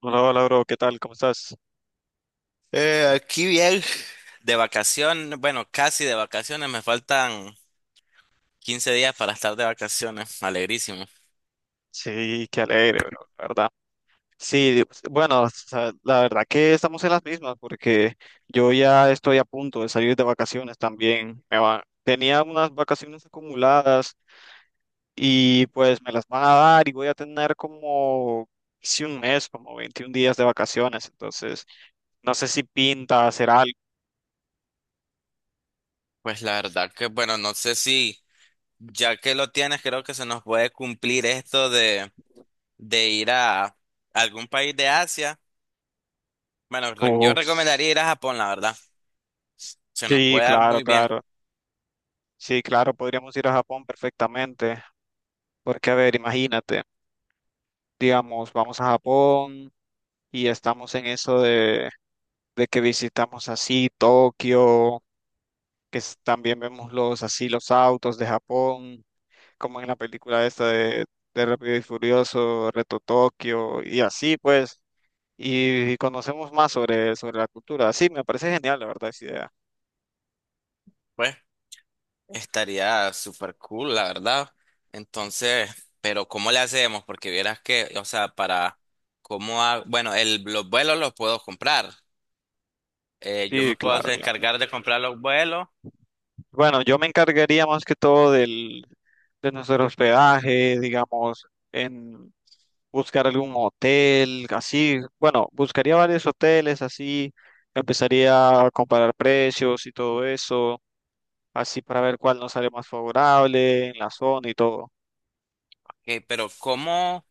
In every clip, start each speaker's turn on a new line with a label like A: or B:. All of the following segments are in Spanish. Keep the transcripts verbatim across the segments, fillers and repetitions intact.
A: Hola, hola, bro, ¿qué tal? ¿Cómo estás?
B: Eh, aquí bien, de vacaciones, bueno, casi de vacaciones, me faltan quince días para estar de vacaciones. Sí.
A: Sí, qué alegre, bro, la verdad. Sí, bueno, o sea, la verdad que estamos en las mismas porque yo ya estoy a punto de salir de vacaciones también. Me va- Tenía unas vacaciones acumuladas y pues me las van a dar y voy a tener como casi un mes, como veintiún días de vacaciones. Entonces, no sé si pinta hacer algo.
B: Pues la verdad que, bueno, no sé si ya que lo tienes, creo que se nos puede cumplir esto de, de ir a algún país de Asia. Bueno, re- yo recomendaría ir a Japón, la verdad. Se nos
A: Sí,
B: puede dar
A: claro,
B: muy bien.
A: claro. Sí, claro, podríamos ir a Japón perfectamente. Porque, a ver, imagínate. Digamos, vamos a Japón y estamos en eso de, de que visitamos así Tokio, que es- también vemos los así los autos de Japón, como en la película esta de, de Rápido y Furioso, Reto Tokio, y así pues, y, y conocemos más sobre, sobre la cultura. Sí, me parece genial, la verdad, esa idea.
B: Pues estaría súper cool, la verdad. Entonces, pero ¿cómo le hacemos? Porque vieras que, o sea, para cómo ha- bueno, el, los vuelos los puedo comprar. Eh, yo
A: Sí,
B: me
A: claro,
B: puedo
A: claro.
B: encargar de comprar los vuelos.
A: Bueno, yo me encargaría más que todo del, de nuestro hospedaje, digamos, en buscar algún hotel, así. Bueno, buscaría varios hoteles, así. Empezaría a comparar precios y todo eso, así para ver cuál nos sale más favorable en la zona y todo.
B: Eh, pero ¿cómo,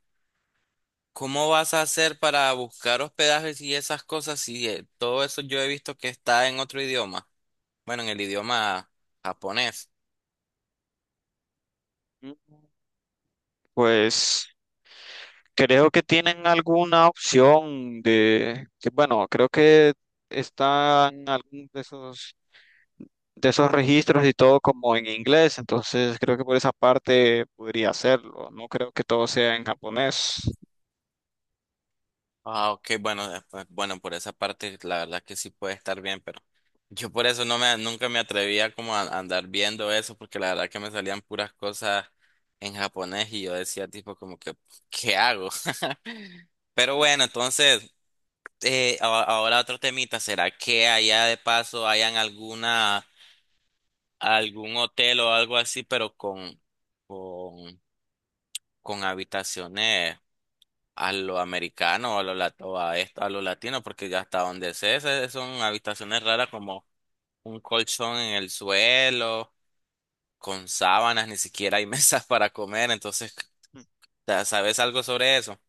B: cómo vas a hacer para buscar hospedajes y esas cosas? Si eh, todo eso yo he visto que está en otro idioma. Bueno, en el idioma japonés.
A: Mm, pues creo que tienen alguna opción de, que bueno, creo que están algunos de esos de esos registros y todo como en inglés, entonces creo que por esa parte podría hacerlo, no creo que todo sea en japonés.
B: Ah, ok, bueno, eh, pues, bueno, por esa parte la verdad que sí puede estar bien, pero yo por eso no me, nunca me atrevía como a, a andar viendo eso, porque la verdad que me salían puras cosas en japonés y yo decía tipo como que, ¿qué hago? Pero bueno, entonces, eh, a- ahora otro temita. ¿Será que allá de paso hayan alguna, algún hotel o algo así, pero con, con, con habitaciones a lo americano, a lo, lat- o a esto, a lo latino? Porque ya hasta donde sé, se- son habitaciones raras como un colchón en el suelo, con sábanas, ni siquiera hay mesas para comer. Entonces, ya, ¿sabes algo sobre eso?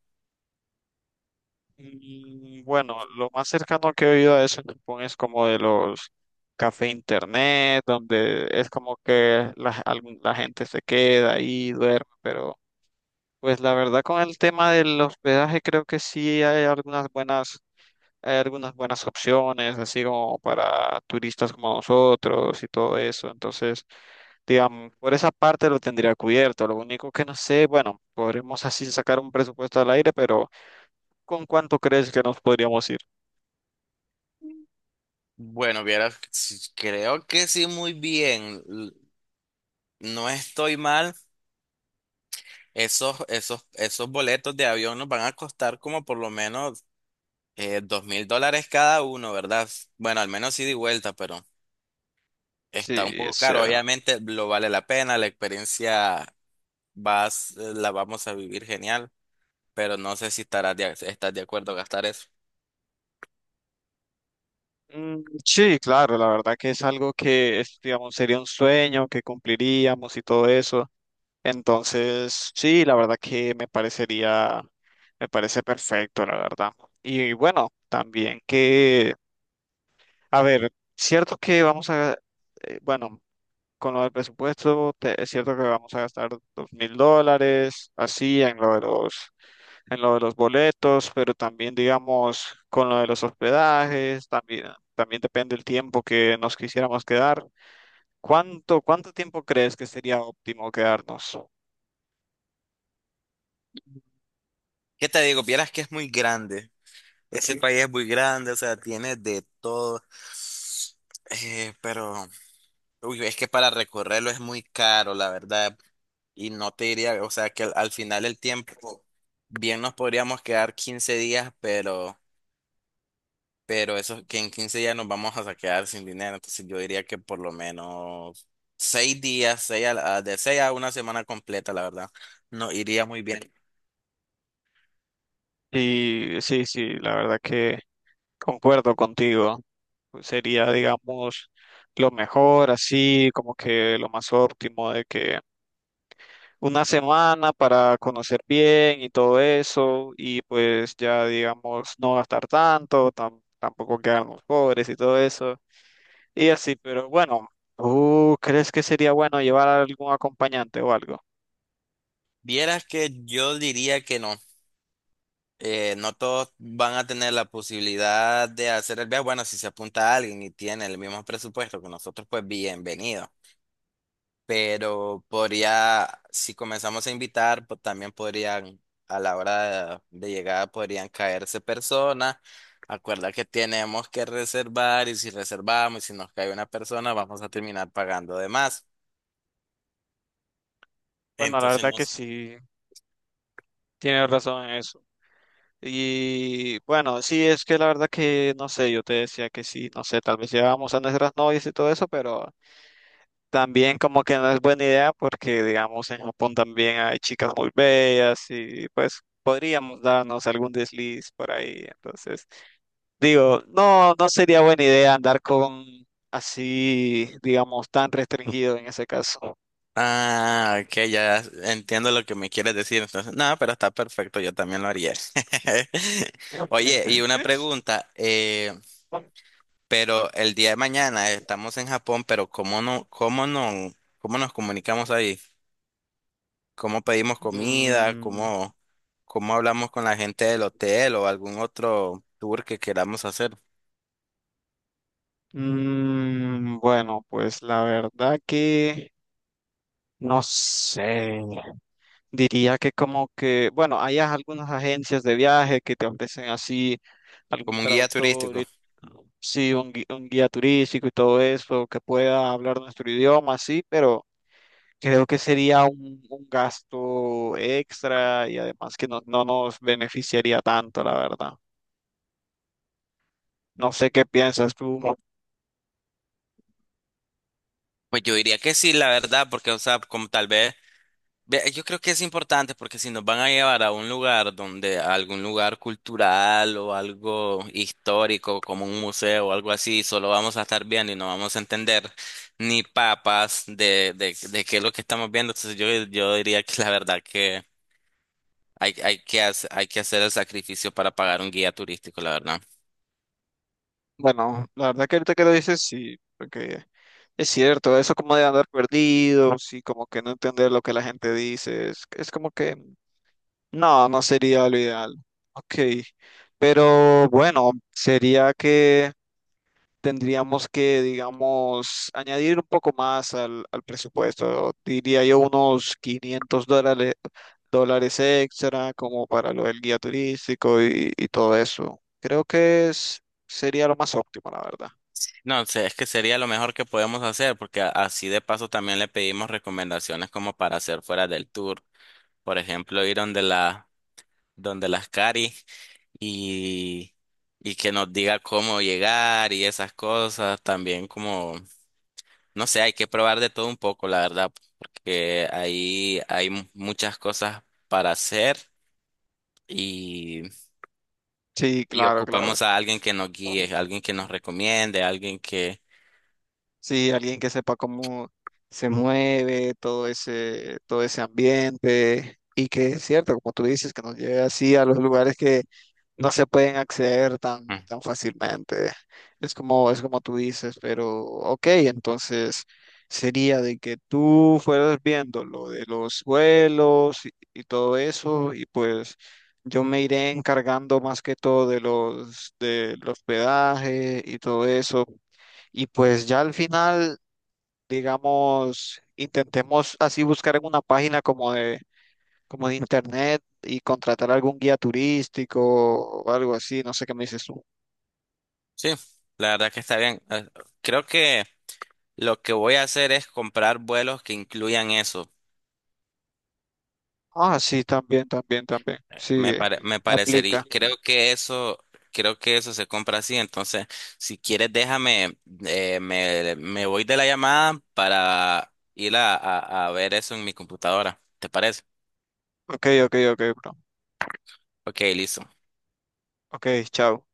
A: Y bueno, lo más cercano que he oído a eso en Japón es como de los café internet, donde es como que la, algún- la gente se queda ahí, duerme, pero pues la verdad con el tema del hospedaje creo que sí hay algunas buenas. Hay algunas buenas opciones, así como para turistas como nosotros y todo eso. Entonces, digamos, por esa parte lo tendría cubierto. Lo único que no sé, bueno, podremos así sacar un presupuesto al aire, pero ¿con cuánto crees que nos podríamos ir?
B: Bueno, vieras, sí, creo que sí, muy bien, l- no estoy mal. Esos, esos, esos boletos de avión nos van a costar como por lo menos dos mil dólares cada uno, ¿verdad? Bueno, al menos ida y vuelta, pero
A: Sí,
B: está un poco
A: es
B: caro.
A: cierto.
B: Obviamente lo vale la pena, la experiencia vas, eh, la vamos a vivir genial. Pero no sé si estarás de, estás de acuerdo a gastar eso.
A: Mm, sí, claro, la verdad que es algo que, es, digamos, sería un sueño que cumpliríamos y todo eso. Entonces, sí, la verdad que me parecería, me parece perfecto, la verdad. Y bueno, también que a ver, cierto que vamos a, eh, bueno, con lo del presupuesto, te- es cierto que vamos a gastar dos mil dólares, así, en lo de los, en lo de los boletos, pero también, digamos, con lo de los hospedajes, también, también depende el tiempo que nos quisiéramos quedar. ¿Cuánto, ¿cuánto tiempo crees que sería óptimo quedarnos?
B: ¿Qué te digo? Vieras que es muy grande, ese, sí, país es muy grande, o sea, tiene de todo. Eh, pero uy, es que para recorrerlo es muy caro, la verdad. Y no te diría, o sea, que al, al final el tiempo, bien nos podríamos quedar quince días, pero... pero eso es que en quince días nos vamos a quedar sin dinero. Entonces yo diría que por lo menos seis días, seis a la- de seis a una semana completa, la verdad, no iría muy bien.
A: Y sí, sí, la verdad que concuerdo contigo. Sería, digamos, lo mejor, así, como que lo más óptimo de que una semana para conocer bien y todo eso, y pues ya digamos no gastar tanto, tam- tampoco quedarnos pobres y todo eso, y así, pero bueno, ¿tú crees que sería bueno llevar a algún acompañante o algo?
B: Vieras que yo diría que no. Eh, no todos van a tener la posibilidad de hacer el viaje. Bueno, si se apunta a alguien y tiene el mismo presupuesto que nosotros, pues bienvenido. Pero podría, si comenzamos a invitar, pues también podrían, a la hora de, de llegada, podrían caerse personas. Acuerda que tenemos que reservar, y si reservamos y si nos cae una persona, vamos a terminar pagando de más.
A: Bueno, la
B: Entonces
A: verdad que
B: nos...
A: sí, tienes razón en eso. Y bueno, sí, es que la verdad que no sé, yo te decía que sí, no sé, tal vez llevábamos a nuestras novias y todo eso, pero también como que no es buena idea porque, digamos, en Japón también hay chicas muy bellas y pues podríamos darnos algún desliz por ahí. Entonces, digo, no, no sería buena idea andar con así, digamos, tan restringido en ese caso.
B: Ah, ok, ya entiendo lo que me quieres decir. Entonces, no, pero está perfecto, yo también lo haría. Oye, y una pregunta. eh, Pero el día de mañana estamos en Japón, pero ¿cómo no, cómo no, cómo nos comunicamos ahí? ¿Cómo pedimos comida?
A: Mm,
B: ¿Cómo, cómo hablamos con la gente del hotel o algún otro tour que queramos hacer?
A: mm, bueno, pues la verdad que no sé. Diría que como que, bueno, hay algunas agencias de viaje que te ofrecen así algún
B: Como un guía
A: traductor, y,
B: turístico.
A: sí, un, gui- un guía turístico y todo eso, que pueda hablar nuestro idioma, sí, pero creo que sería un, un gasto extra y además que no, no nos beneficiaría tanto, la verdad. No sé qué piensas tú.
B: Pues yo diría que sí, la verdad, porque, o sea, como tal vez. Ve, yo creo que es importante, porque si nos van a llevar a un lugar donde, a algún lugar cultural o algo histórico como un museo o algo así, solo vamos a estar viendo y no vamos a entender ni papas de, de, de qué es lo que estamos viendo. Entonces yo, yo diría que la verdad que hay, hay que hacer, hay que hacer el sacrificio para pagar un guía turístico, la verdad.
A: Bueno, la verdad que ahorita que lo dices, sí, porque es cierto, eso como de andar perdido, sí, como que no entender lo que la gente dice, es, es como que no, no sería lo ideal. Ok, pero bueno, sería que tendríamos que, digamos, añadir un poco más al, al presupuesto. Diría yo unos quinientos dólares, dólares extra como para lo del guía turístico y, y todo eso. Creo que es- sería lo más óptimo, la verdad.
B: No sé, es que sería lo mejor que podemos hacer, porque a- así de paso también le pedimos recomendaciones como para hacer fuera del tour. Por ejemplo, ir donde la, donde las cari. y, y que nos diga cómo llegar y esas cosas. También como, no sé, hay que probar de todo un poco, la verdad, porque ahí hay mu- muchas cosas para hacer y,
A: Sí,
B: y
A: claro, claro.
B: ocupamos a alguien que nos guíe, alguien que nos recomiende, alguien que...
A: Sí, alguien que sepa cómo se mueve todo ese, todo ese ambiente y que es cierto, como tú dices, que nos lleve así a los lugares que no se pueden acceder tan,
B: Mm.
A: tan fácilmente. Es como, es como tú dices, pero ok, entonces sería de que tú fueras viendo lo de los vuelos y, y todo eso, y pues yo me iré encargando más que todo de los, del hospedaje y todo eso. Y pues ya al final, digamos, intentemos así buscar en una página como de, como de internet y contratar algún guía turístico o algo así, no sé qué me dices tú.
B: Sí, la verdad que está bien. Eh, Creo que lo que voy a hacer es comprar vuelos que incluyan eso.
A: Ah, sí, también, también, también. Sí,
B: Me pare- me parecería,
A: aplica.
B: creo que eso, creo que eso se compra así. Entonces, si quieres, déjame, eh, me, me voy de la llamada para ir a, a, a ver eso en mi computadora. ¿Te parece?
A: Ok, ok, ok, bro.
B: Ok, listo.
A: Ok, chao.